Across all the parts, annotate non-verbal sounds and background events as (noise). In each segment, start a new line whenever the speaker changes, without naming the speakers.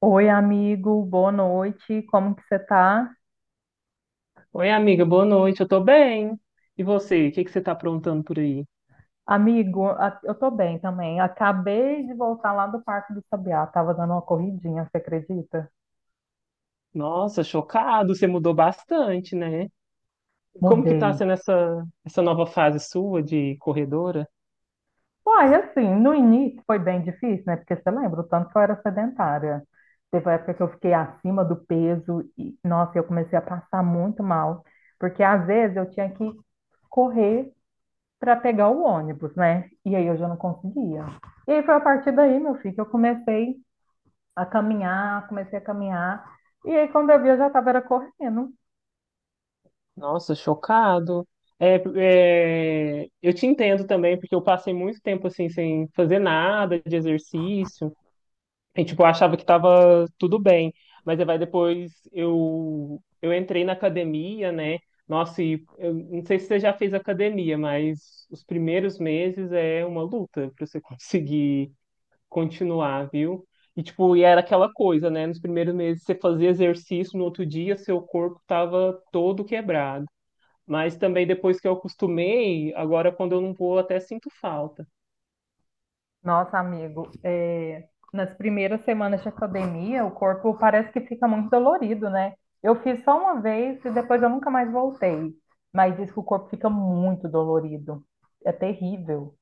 Oi, amigo, boa noite. Como que você tá?
Oi, amiga, boa noite. Eu tô bem. E você, o que que você tá aprontando por aí?
Amigo, eu tô bem também. Acabei de voltar lá do Parque do Sabiá. Tava dando uma corridinha, você acredita?
Nossa, chocado, você mudou bastante, né? Como que
Mudei.
tá sendo essa nova fase sua de corredora?
Uai, assim, no início foi bem difícil, né? Porque você lembra o tanto que eu era sedentária. Teve uma época que eu fiquei acima do peso e, nossa, eu comecei a passar muito mal. Porque às vezes eu tinha que correr para pegar o ônibus, né? E aí eu já não conseguia. E aí foi a partir daí, meu filho, que eu comecei a caminhar, comecei a caminhar. E aí, quando eu vi, eu já estava era correndo.
Nossa, chocado. É, eu te entendo também, porque eu passei muito tempo assim sem fazer nada de exercício. E, tipo, eu achava que tava tudo bem. Mas aí vai depois eu entrei na academia, né? Nossa, e eu não sei se você já fez academia, mas os primeiros meses é uma luta para você (laughs) conseguir continuar, viu? E tipo, e era aquela coisa, né? Nos primeiros meses você fazia exercício, no outro dia seu corpo tava todo quebrado. Mas também depois que eu acostumei, agora quando eu não vou, até sinto falta.
Nossa, amigo, é, nas primeiras semanas de academia, o corpo parece que fica muito dolorido, né? Eu fiz só uma vez e depois eu nunca mais voltei. Mas diz que o corpo fica muito dolorido. É terrível.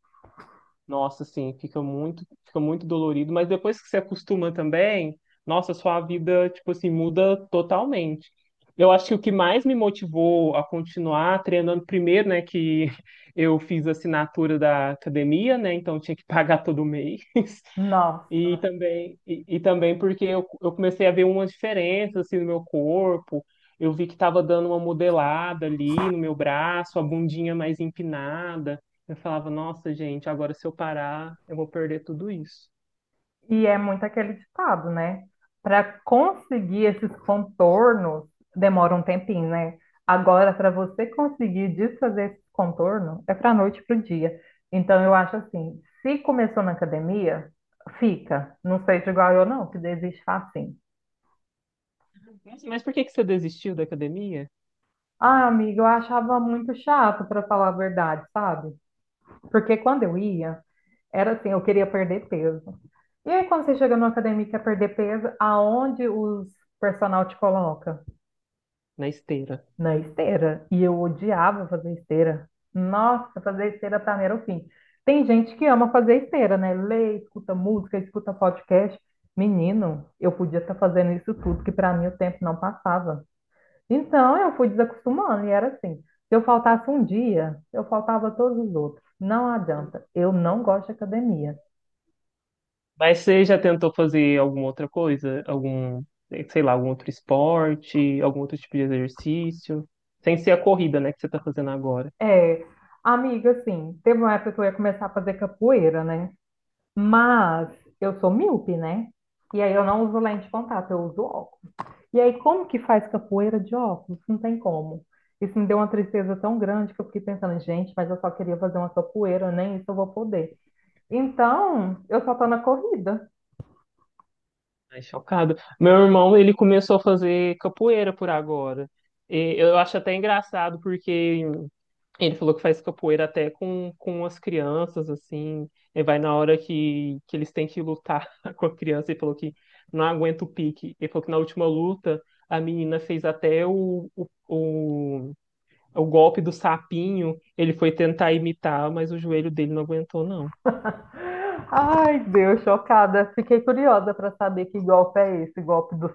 Nossa, sim, fica muito dolorido, mas depois que você acostuma também, nossa, sua vida, tipo assim, muda totalmente. Eu acho que o que mais me motivou a continuar treinando primeiro, né, que (laughs) eu fiz a assinatura da academia, né, então tinha que pagar todo mês. E
Nossa.
também, e também porque eu comecei a ver umas diferenças assim no meu corpo. Eu vi que estava dando uma modelada ali no meu braço, a bundinha mais empinada. Eu falava, nossa, gente, agora se eu parar, eu vou perder tudo isso.
E é muito aquele ditado, né? Para conseguir esses contornos, demora um tempinho, né? Agora, para você conseguir desfazer esse contorno, é para noite para o dia. Então, eu acho assim: se começou na academia, fica. Não seja igual eu, não, que desiste facinho.
Nossa, mas por que que você desistiu da academia?
Ah, amiga, eu achava muito chato, para falar a verdade, sabe? Porque quando eu ia, era assim: eu queria perder peso. E aí, quando você chega numa academia e quer perder peso, aonde os personal te coloca?
Na esteira.
Na esteira. E eu odiava fazer esteira. Nossa, fazer esteira pra mim era o fim. Tem gente que ama fazer esteira, né? Lê, escuta música, escuta podcast. Menino, eu podia estar fazendo isso tudo, que pra mim o tempo não passava. Então eu fui desacostumando e era assim. Se eu faltasse um dia, eu faltava todos os outros. Não adianta. Eu não gosto de academia.
Mas você já tentou fazer alguma outra coisa? Algum, sei lá, algum outro esporte, algum outro tipo de exercício? Sem ser a corrida, né, que você tá fazendo agora.
É, amiga, assim, teve uma época que eu ia começar a fazer capoeira, né? Mas eu sou míope, né? E aí eu não uso lente de contato, eu uso óculos. E aí, como que faz capoeira de óculos? Não tem como. Isso me deu uma tristeza tão grande que eu fiquei pensando, gente, mas eu só queria fazer uma capoeira, nem isso eu vou poder. Então, eu só tô na corrida.
Ai, chocado. Meu irmão, ele começou a fazer capoeira por agora. E eu acho até engraçado, porque ele falou que faz capoeira até com as crianças, assim. Ele vai na hora que eles têm que lutar (laughs) com a criança. E falou que não aguenta o pique. Ele falou que na última luta, a menina fez até o golpe do sapinho, ele foi tentar imitar, mas o joelho dele não aguentou, não.
(laughs) Ai, Deus, chocada. Fiquei curiosa para saber que golpe é esse, golpe do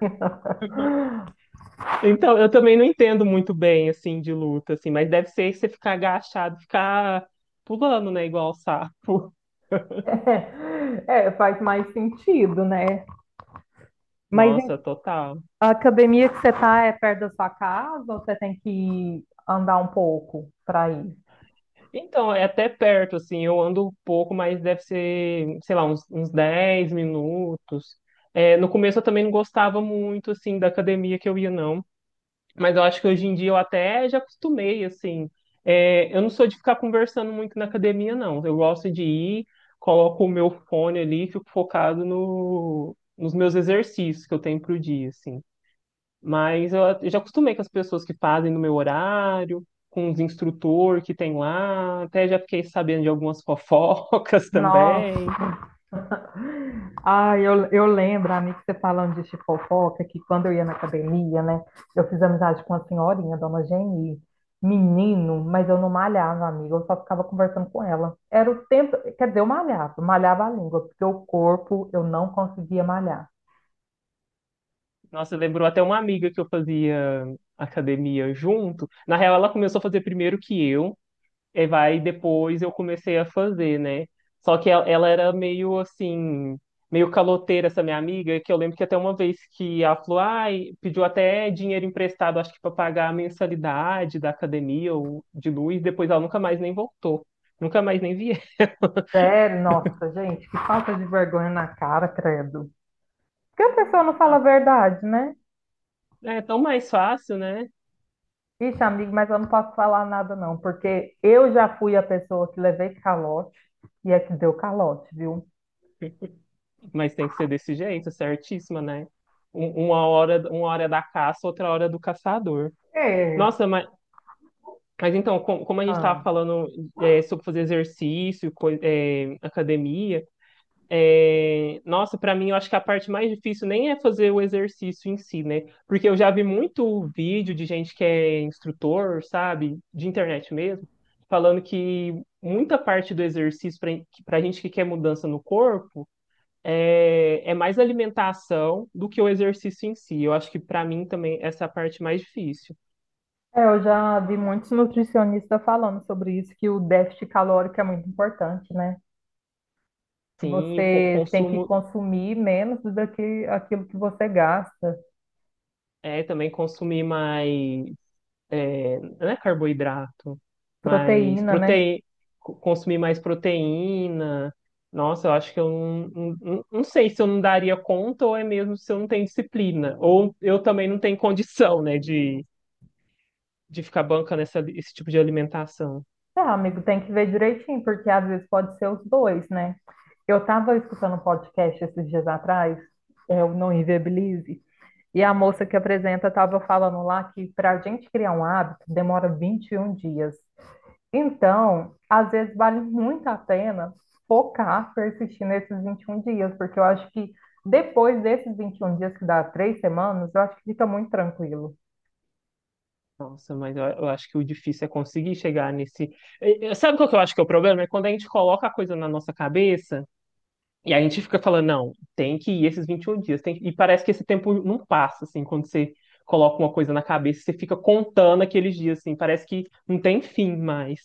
sapinho. (laughs)
(laughs) Então, eu também não entendo muito bem, assim, de luta, assim, mas deve ser você ficar agachado, ficar pulando, né, igual sapo.
É, é, faz mais sentido, né?
(laughs)
Mas
Nossa, total.
a academia que você tá é perto da sua casa ou você tem que andar um pouco para ir?
Então, é até perto, assim, eu ando um pouco, mas deve ser, sei lá, uns 10 minutos. É, no começo eu também não gostava muito, assim, da academia que eu ia, não. Mas eu acho que hoje em dia eu até já acostumei, assim. É, eu não sou de ficar conversando muito na academia, não. Eu gosto de ir, coloco o meu fone ali e fico focado no, nos meus exercícios que eu tenho pro dia, assim. Mas eu já acostumei com as pessoas que fazem no meu horário, com os instrutores que tem lá. Até já fiquei sabendo de algumas fofocas (laughs)
Nossa.
também.
(laughs) Ah, eu lembro, amigo, você falando de fofoca, que quando eu ia na academia, né? Eu fiz amizade com uma senhorinha, dona Geni, menino, mas eu não malhava, amigo, eu só ficava conversando com ela. Era o tempo, quer dizer, eu malhava, malhava a língua, porque o corpo eu não conseguia malhar.
Nossa, lembrou até uma amiga que eu fazia academia junto. Na real, ela começou a fazer primeiro que eu. E vai depois eu comecei a fazer, né? Só que ela era meio assim, meio caloteira essa minha amiga, que eu lembro que até uma vez que ela falou, ai, pediu até dinheiro emprestado, acho que para pagar a mensalidade da academia ou de luz, depois ela nunca mais nem voltou. Nunca mais nem vi. (laughs)
Sério, nossa, gente, que falta de vergonha na cara, credo. Porque a pessoa não fala a
Ela.
verdade, né?
É tão mais fácil, né?
Ixi, amigo, mas eu não posso falar nada, não, porque eu já fui a pessoa que levei calote e é que deu calote, viu?
(laughs) Mas tem que ser desse jeito, certíssima, né? Uma hora é da caça, outra hora é do caçador.
É.
Nossa, mas então, como a gente estava
Ah.
falando, é, sobre fazer exercício, é, academia, é, nossa, para mim eu acho que a parte mais difícil nem é fazer o exercício em si, né? Porque eu já vi muito vídeo de gente que é instrutor, sabe, de internet mesmo, falando que muita parte do exercício para a gente que quer mudança no corpo é mais alimentação do que o exercício em si. Eu acho que para mim também essa é a parte mais difícil.
É, eu já vi muitos nutricionistas falando sobre isso, que o déficit calórico é muito importante, né? Que
Sim,
você tem que
consumo,
consumir menos do que aquilo que você gasta,
é, também consumir mais, é, não é carboidrato, mas
proteína, né?
proteína, consumir mais proteína. Nossa, eu acho que eu não sei se eu não daria conta ou é mesmo se eu não tenho disciplina. Ou eu também não tenho condição, né, de ficar bancando esse tipo de alimentação.
É, amigo, tem que ver direitinho, porque às vezes pode ser os dois, né? Eu estava escutando um podcast esses dias atrás, é o Não Inviabilize, e a moça que apresenta estava falando lá que para a gente criar um hábito demora 21 dias. Então, às vezes vale muito a pena focar, persistir nesses 21 dias, porque eu acho que depois desses 21 dias, que dá três semanas, eu acho que fica muito tranquilo.
Nossa, mas eu acho que o difícil é conseguir chegar nesse. Sabe qual que eu acho que é o problema? É quando a gente coloca a coisa na nossa cabeça. E a gente fica falando, não, tem que ir esses 21 dias, tem que... E parece que esse tempo não passa, assim, quando você coloca uma coisa na cabeça, você fica contando aqueles dias, assim, parece que não tem fim mais.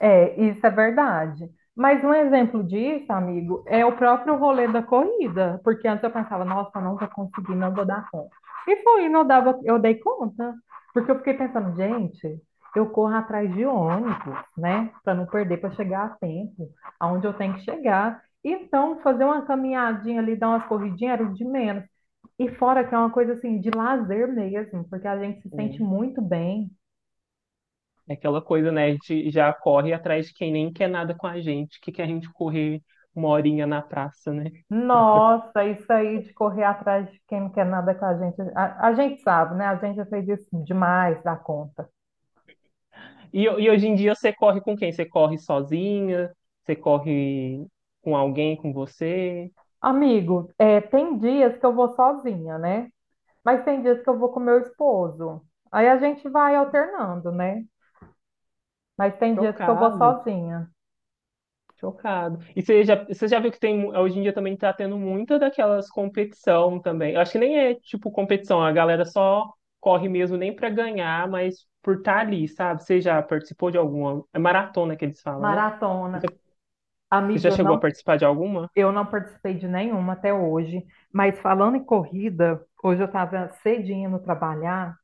É, isso é verdade. Mas um exemplo disso, amigo, é o próprio rolê da corrida, porque antes eu pensava, nossa, eu não vou conseguir, não vou dar conta. E foi, não dava, eu dei conta, porque eu fiquei pensando, gente, eu corro atrás de ônibus, né, para não perder, para chegar a tempo, aonde eu tenho que chegar. Então, fazer uma caminhadinha ali, dar umas corridinhas era o de menos. E fora que é uma coisa assim de lazer mesmo, porque a gente se sente
Assim.
muito bem.
É aquela coisa, né, a gente já corre atrás de quem nem quer nada com a gente, que quer a gente correr uma horinha na praça, né?
Nossa, isso aí de correr atrás de quem não quer nada com a gente. A gente sabe, né? A gente já fez isso demais da conta.
E hoje em dia você corre com quem? Você corre sozinha? Você corre com alguém, com você?
Amigo, é, tem dias que eu vou sozinha, né? Mas tem dias que eu vou com meu esposo. Aí a gente vai alternando, né? Mas tem dias que eu vou
Chocado.
sozinha.
Chocado. E você já viu que tem, hoje em dia também tá tendo muita daquelas competição também. Eu acho que nem é tipo competição, a galera só corre mesmo nem pra ganhar, mas por estar ali, sabe? Você já participou de alguma? É maratona que eles falam, né? Você
Maratona.
já, você
Amigo,
já chegou a participar de alguma?
eu não participei de nenhuma até hoje. Mas falando em corrida, hoje eu estava cedinho no trabalhar.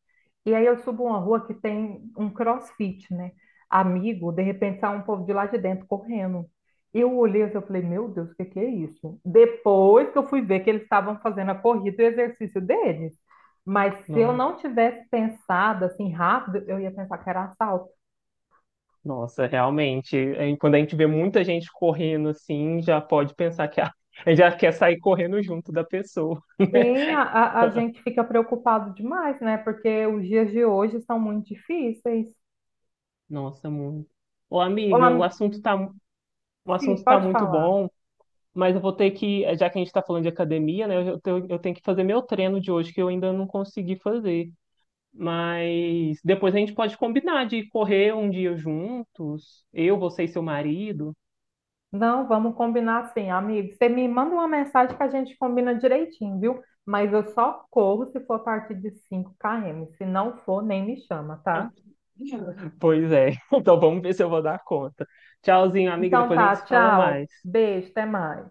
E aí eu subo uma rua que tem um CrossFit, né? Amigo, de repente sai um povo de lá de dentro correndo. Eu olhei assim, eu falei, meu Deus, o que que é isso? Depois que eu fui ver que eles estavam fazendo a corrida e o exercício deles. Mas se eu
Não.
não tivesse pensado assim rápido, eu ia pensar que era assalto.
Nossa, realmente. É, quando a gente vê muita gente correndo assim, já pode pensar que a gente já quer sair correndo junto da pessoa.
Sim, a
(laughs)
gente fica preocupado demais, né? Porque os dias de hoje são muito difícis.
Nossa, muito. Ô,
Olá,
amiga, o
sim,
assunto tá
pode
muito
falar.
bom. Mas eu vou ter que, já que a gente está falando de academia, né? Eu tenho que fazer meu treino de hoje, que eu ainda não consegui fazer. Mas depois a gente pode combinar de correr um dia juntos, eu, você e seu marido.
Não, vamos combinar assim, amigo. Você me manda uma mensagem que a gente combina direitinho, viu? Mas eu só corro se for a partir de 5 km. Se não for, nem me chama, tá?
(laughs) Pois é. Então vamos ver se eu vou dar conta. Tchauzinho, amiga.
Então
Depois a
tá,
gente se fala
tchau.
mais.
Beijo, até mais.